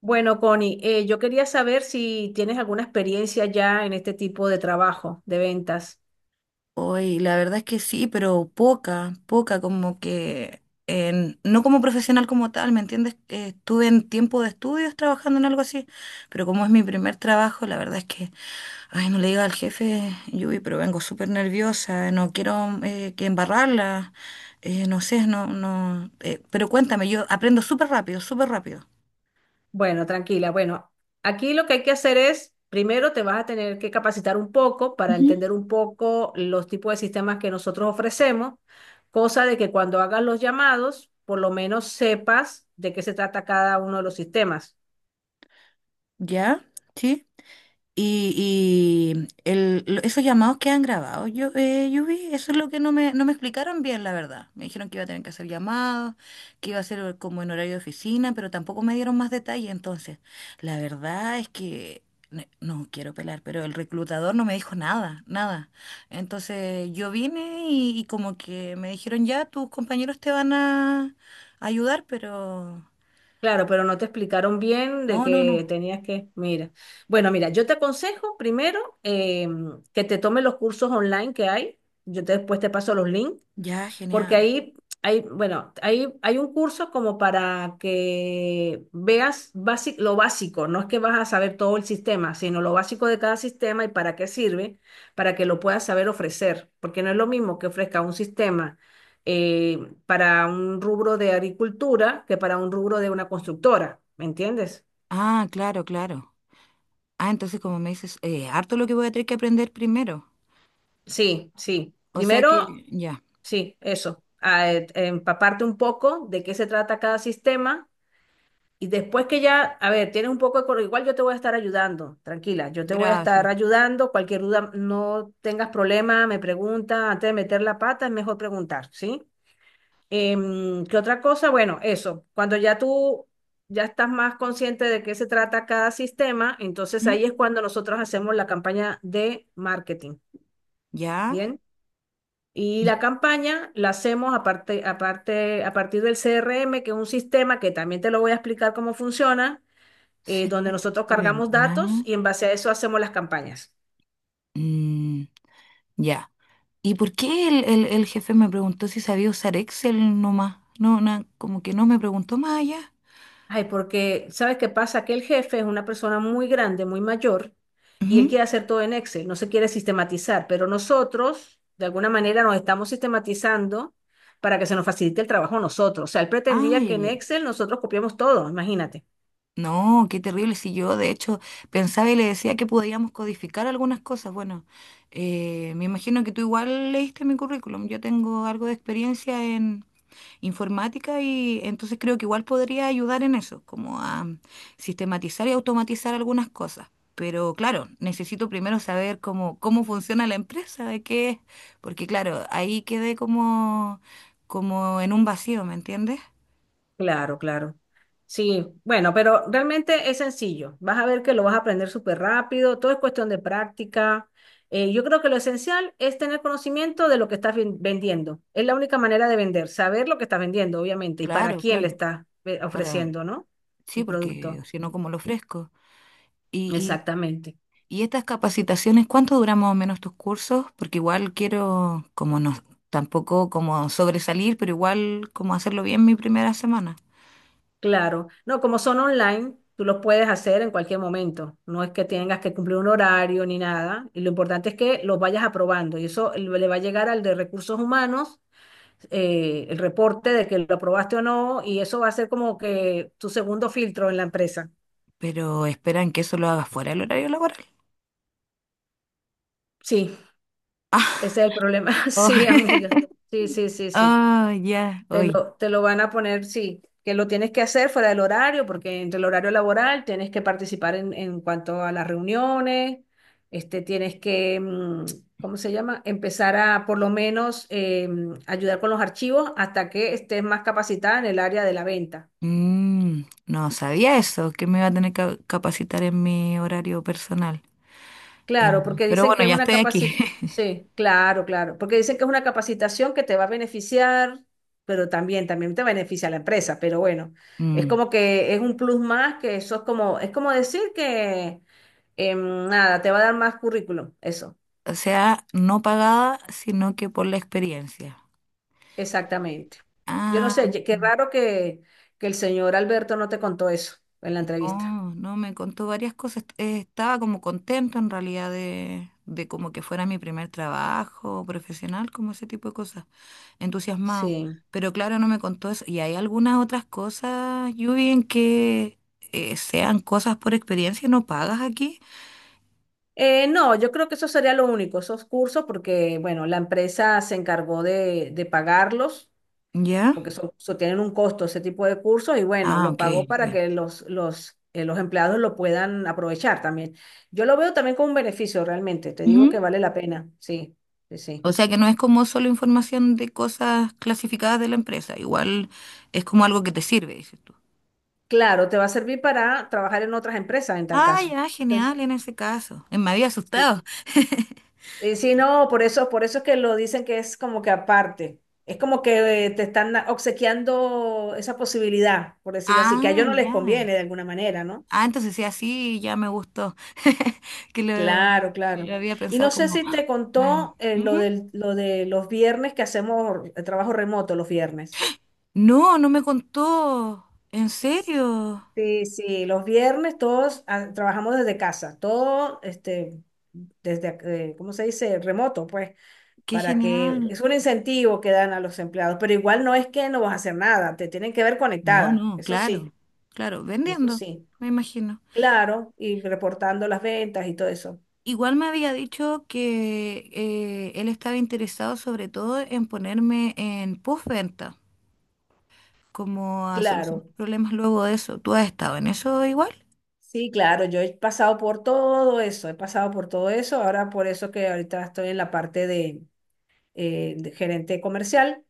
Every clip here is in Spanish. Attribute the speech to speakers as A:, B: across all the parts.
A: Bueno, Connie, yo quería saber si tienes alguna experiencia ya en este tipo de trabajo de ventas.
B: Hoy, la verdad es que sí, pero poca, poca, como que no como profesional como tal, ¿me entiendes? Estuve en tiempo de estudios trabajando en algo así, pero como es mi primer trabajo, la verdad es que, ay, no le diga al jefe, Yubi, pero vengo súper nerviosa, no quiero que embarrarla, no sé, no, no, pero cuéntame, yo aprendo súper rápido, súper rápido.
A: Bueno, tranquila. Bueno, aquí lo que hay que hacer es, primero te vas a tener que capacitar un poco para
B: Ujú.
A: entender un poco los tipos de sistemas que nosotros ofrecemos, cosa de que cuando hagas los llamados, por lo menos sepas de qué se trata cada uno de los sistemas.
B: ¿Ya? ¿Sí? Y, esos llamados que han grabado, yo vi, eso es lo que no me explicaron bien, la verdad. Me dijeron que iba a tener que hacer llamados, que iba a ser como en horario de oficina, pero tampoco me dieron más detalle. Entonces, la verdad es que, no quiero pelar, pero el reclutador no me dijo nada, nada. Entonces, yo vine y como que me dijeron, ya, tus compañeros te van a ayudar, pero...
A: Claro, pero no te explicaron bien de
B: No, no,
A: que
B: no.
A: tenías que, mira. Bueno, mira, yo te aconsejo primero que te tomes los cursos online que hay. Después te paso los links
B: Ya,
A: porque
B: genial.
A: ahí hay, bueno, ahí hay un curso como para que veas lo básico, no es que vas a saber todo el sistema, sino lo básico de cada sistema y para qué sirve, para que lo puedas saber ofrecer, porque no es lo mismo que ofrezca un sistema eh, para un rubro de agricultura que para un rubro de una constructora, ¿me entiendes?
B: Ah, claro, claro. Ah, entonces como me dices, harto lo que voy a tener que aprender primero.
A: Sí, sí.
B: O sea
A: Primero,
B: que, ya,
A: sí, eso, empaparte un poco de qué se trata cada sistema. Y después que ya, a ver, tienes un poco de coro, igual yo te voy a estar ayudando, tranquila, yo te voy a estar
B: gracias.
A: ayudando, cualquier duda, no tengas problema, me pregunta, antes de meter la pata es mejor preguntar, ¿sí? ¿Qué otra cosa? Bueno, eso, cuando ya tú ya estás más consciente de qué se trata cada sistema, entonces
B: ¿Mm?
A: ahí es cuando nosotros hacemos la campaña de marketing,
B: ¿Ya?
A: ¿bien? Y la campaña la hacemos aparte, aparte, a partir del CRM, que es un sistema que también te lo voy a explicar cómo funciona,
B: Sí,
A: donde nosotros
B: bueno,
A: cargamos
B: ¿ya?
A: datos y en base a eso hacemos las campañas.
B: Mm, ya. ¿Y por qué el jefe me preguntó si sabía usar Excel nomás? No, como que no me preguntó más allá.
A: Ay, porque, ¿sabes qué pasa? Que el jefe es una persona muy grande, muy mayor, y él
B: Ujú.
A: quiere hacer todo en Excel, no se quiere sistematizar, pero nosotros, de alguna manera, nos estamos sistematizando para que se nos facilite el trabajo a nosotros. O sea, él
B: Ah,
A: pretendía
B: ya,
A: que en
B: ya.
A: Excel nosotros copiamos todo, imagínate.
B: No, qué terrible. Si yo, de hecho, pensaba y le decía que podíamos codificar algunas cosas. Bueno, me imagino que tú igual leíste mi currículum. Yo tengo algo de experiencia en informática y entonces creo que igual podría ayudar en eso, como a sistematizar y automatizar algunas cosas. Pero claro, necesito primero saber cómo funciona la empresa, de qué es, porque claro, ahí quedé como, como en un vacío, ¿me entiendes?
A: Claro, claro. Sí, bueno, pero realmente es sencillo. Vas a ver que lo vas a aprender súper rápido, todo es cuestión de práctica. Yo creo que lo esencial es tener conocimiento de lo que estás vendiendo. Es la única manera de vender, saber lo que estás vendiendo, obviamente, y para
B: Claro,
A: quién le
B: claro.
A: estás
B: Ahora,
A: ofreciendo, ¿no?
B: sí,
A: El
B: porque
A: producto.
B: si no, ¿cómo lo ofrezco? Y,
A: Exactamente.
B: y, y estas capacitaciones, ¿cuánto duran más o menos tus cursos? Porque igual quiero, como no, tampoco como sobresalir, pero igual como hacerlo bien mi primera semana.
A: Claro. No, como son online, tú los puedes hacer en cualquier momento. No es que tengas que cumplir un horario ni nada. Y lo importante es que los vayas aprobando. Y eso le va a llegar al de recursos humanos, el reporte de que lo aprobaste o no, y eso va a ser como que tu segundo filtro en la empresa.
B: Pero esperan que eso lo haga fuera del horario laboral.
A: Sí,
B: Ah,
A: ese es el problema. Sí,
B: oh,
A: amiga. Sí, sí, sí, sí.
B: oh, ya, hoy.
A: Te lo van a poner, sí, que lo tienes que hacer fuera del horario, porque entre el horario laboral tienes que participar en cuanto a las reuniones, este, tienes que, ¿cómo se llama? Empezar a por lo menos ayudar con los archivos hasta que estés más capacitada en el área de la venta.
B: Mm, no sabía eso, que me iba a tener que capacitar en mi horario personal. Eh,
A: Claro, porque
B: pero
A: dicen
B: bueno,
A: que es
B: ya
A: una
B: estoy aquí.
A: capacitación, sí, claro, claro, porque dicen que es una capacitación que te va a beneficiar, pero también, también te beneficia a la empresa, pero bueno, es
B: Mm,
A: como que es un plus más, que eso es como decir que nada, te va a dar más currículum, eso,
B: o sea, no pagada, sino que por la experiencia.
A: exactamente. Yo no sé,
B: Ah,
A: qué raro que el señor Alberto no te contó eso en la entrevista.
B: no, no, me contó varias cosas. Estaba como contento en realidad de como que fuera mi primer trabajo profesional, como ese tipo de cosas. Entusiasmado.
A: Sí.
B: Pero claro, no me contó eso. Y hay algunas otras cosas, Yubi, en que sean cosas por experiencia y no pagas aquí.
A: No, yo creo que eso sería lo único, esos cursos, porque, bueno, la empresa se encargó de pagarlos.
B: ¿Ya?
A: Porque son, tienen un costo ese tipo de cursos y bueno,
B: Ah,
A: los
B: ok.
A: pago para
B: Ok.
A: que los empleados lo puedan aprovechar también. Yo lo veo también como un beneficio realmente, te digo que
B: Ujú.
A: vale la pena, sí, sí, sí.
B: O sea que no es como solo información de cosas clasificadas de la empresa. Igual es como algo que te sirve, dices tú.
A: Claro, te va a servir para trabajar en otras empresas en tal
B: Ah,
A: caso.
B: ya,
A: Entonces,
B: genial en ese caso. Me había asustado.
A: sí. Y sí, no, por eso es que lo dicen que es como que aparte. Es como que te están obsequiando esa posibilidad, por decirlo así, que a
B: Ah,
A: ellos no les
B: ya.
A: conviene de alguna manera, ¿no?
B: Ah, entonces sí, así ya me gustó. Que
A: Claro,
B: lo
A: claro.
B: había
A: Y
B: pensado
A: no sé
B: como...
A: si
B: ¡ah!
A: te
B: Me...
A: contó lo
B: Ujú.
A: del, lo de los viernes, que hacemos el trabajo remoto los viernes.
B: No, no me contó. ¿En serio?
A: Sí, sí, los viernes todos ah, trabajamos desde casa, todo este, desde, ¿cómo se dice? Remoto, pues,
B: Qué
A: para que
B: genial.
A: es un incentivo que dan a los empleados, pero igual no es que no vas a hacer nada, te tienen que ver
B: No,
A: conectada,
B: no, claro, claro,
A: eso
B: vendiendo,
A: sí,
B: me imagino.
A: claro, y reportando las ventas y todo eso,
B: Igual me había dicho que él estaba interesado sobre todo en ponerme en postventa, como a solucionar
A: claro.
B: problemas luego de eso. ¿Tú has estado en eso igual?
A: Sí, claro, yo he pasado por todo eso, he pasado por todo eso, ahora por eso que ahorita estoy en la parte de gerente comercial,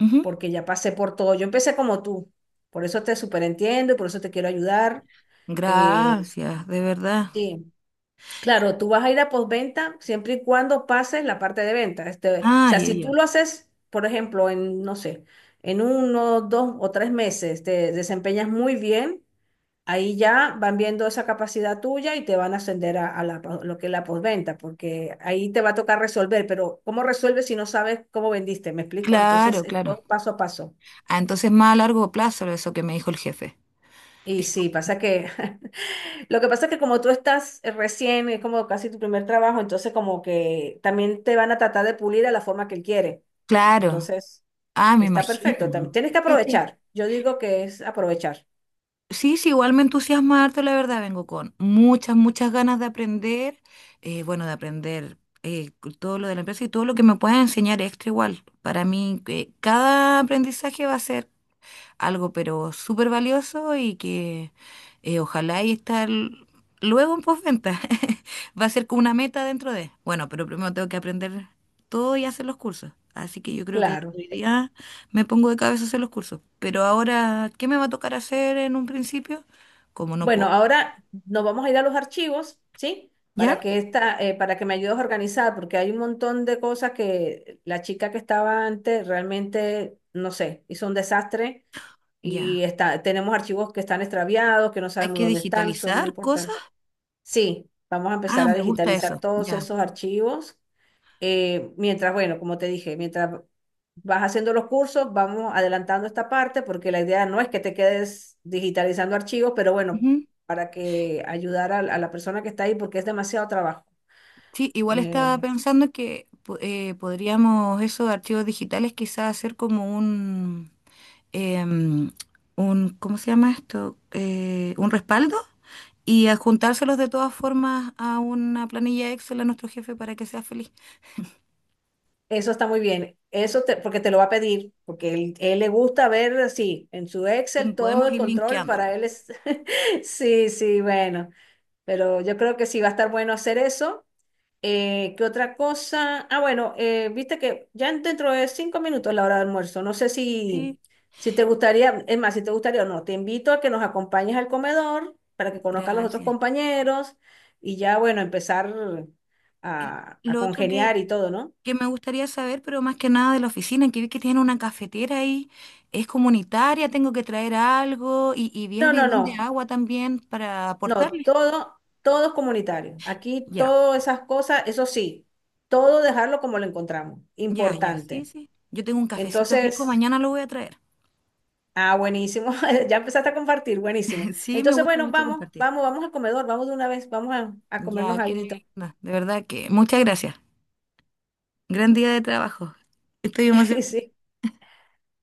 B: Ujú.
A: porque ya pasé por todo, yo empecé como tú, por eso te superentiendo y por eso te quiero ayudar. eh,
B: Gracias, de verdad.
A: sí,
B: Y-
A: claro, tú vas a ir a postventa siempre y cuando pases la parte de venta. Este, o
B: Ah,
A: sea,
B: ya,
A: si tú
B: ya.
A: lo haces, por ejemplo, en, no sé, en uno, dos o tres meses, te desempeñas muy bien. Ahí ya van viendo esa capacidad tuya y te van a ascender a la, lo que es la postventa, porque ahí te va a tocar resolver, pero ¿cómo resuelves si no sabes cómo vendiste? ¿Me explico?
B: Claro,
A: Entonces, es
B: claro.
A: todo paso a paso.
B: Ah, entonces más a largo plazo eso que me dijo el jefe.
A: Y
B: Dije,
A: sí, pasa que lo que pasa es que como tú estás recién, es como casi tu primer trabajo, entonces como que también te van a tratar de pulir a la forma que él quiere.
B: claro,
A: Entonces,
B: ah, me
A: está perfecto. También
B: imagino.
A: tienes que
B: Sí, sí,
A: aprovechar. Yo digo que es aprovechar.
B: sí, sí, igual me entusiasma harto, la verdad, vengo con muchas, muchas ganas de aprender, bueno, de aprender eh, todo lo de la empresa y todo lo que me puedan enseñar extra igual. Para mí, cada aprendizaje va a ser algo pero súper valioso y que ojalá y estar luego en postventa. Va a ser como una meta dentro de. Bueno, pero primero tengo que aprender todo y hacer los cursos. Así que yo creo que desde
A: Claro.
B: hoy día me pongo de cabeza a hacer los cursos. Pero ahora, ¿qué me va a tocar hacer en un principio? Como no
A: Bueno,
B: puedo.
A: ahora nos vamos a ir a los archivos, ¿sí? Para
B: ¿Ya?
A: que esta, para que me ayudes a organizar, porque hay un montón de cosas que la chica que estaba antes realmente, no sé, hizo un desastre y
B: Ya.
A: está, tenemos archivos que están extraviados, que no
B: Hay
A: sabemos
B: que
A: dónde están, son muy
B: digitalizar cosas.
A: importantes. Sí, vamos a
B: Ah,
A: empezar a
B: me gusta
A: digitalizar
B: eso.
A: todos
B: Ya.
A: esos archivos, mientras, bueno, como te dije, mientras vas haciendo los cursos, vamos adelantando esta parte porque la idea no es que te quedes digitalizando archivos, pero bueno,
B: Ujú.
A: para que ayudar a la persona que está ahí porque es demasiado trabajo.
B: Sí, igual
A: Eh,
B: estaba pensando que podríamos esos archivos digitales quizás hacer como un, em, un, ¿cómo se llama esto? Un respaldo y adjuntárselos de todas formas a una planilla Excel a nuestro jefe para que sea feliz.
A: eso está muy bien. Porque te lo va a pedir, porque él le gusta ver así en su Excel
B: Como
A: todo
B: podemos
A: el
B: ir
A: control, para
B: linkeándolo.
A: él es sí, sí, bueno, pero yo creo que sí va a estar bueno hacer eso. ¿Qué otra cosa? Ah, bueno, viste que ya dentro de 5 minutos es la hora de almuerzo. No sé si,
B: Sí,
A: si te gustaría, es más, si te gustaría o no, te invito a que nos acompañes al comedor para que conozcas a los otros
B: gracias.
A: compañeros y ya, bueno, empezar
B: Y
A: a
B: lo otro
A: congeniar y todo, ¿no?
B: que me gustaría saber, pero más que nada de la oficina, que vi que tienen una cafetera ahí, es comunitaria, tengo que traer algo y vi el
A: No, no,
B: bidón de
A: no,
B: agua también para
A: no,
B: aportarle.
A: todo, todo es comunitario. Aquí
B: Ya,
A: todas esas cosas, eso sí, todo dejarlo como lo encontramos,
B: ya, ya, sí,
A: importante.
B: sí. Yo tengo un cafecito rico,
A: Entonces,
B: mañana lo voy a traer.
A: ah, buenísimo. Ya empezaste a compartir, buenísimo.
B: Sí, me
A: Entonces,
B: gusta
A: bueno,
B: mucho
A: vamos,
B: compartir.
A: vamos, vamos al comedor, vamos de una vez, vamos a comernos
B: Ya, qué
A: alguito.
B: linda, de verdad que muchas gracias. Gran día de trabajo. Estoy emocionada.
A: Sí.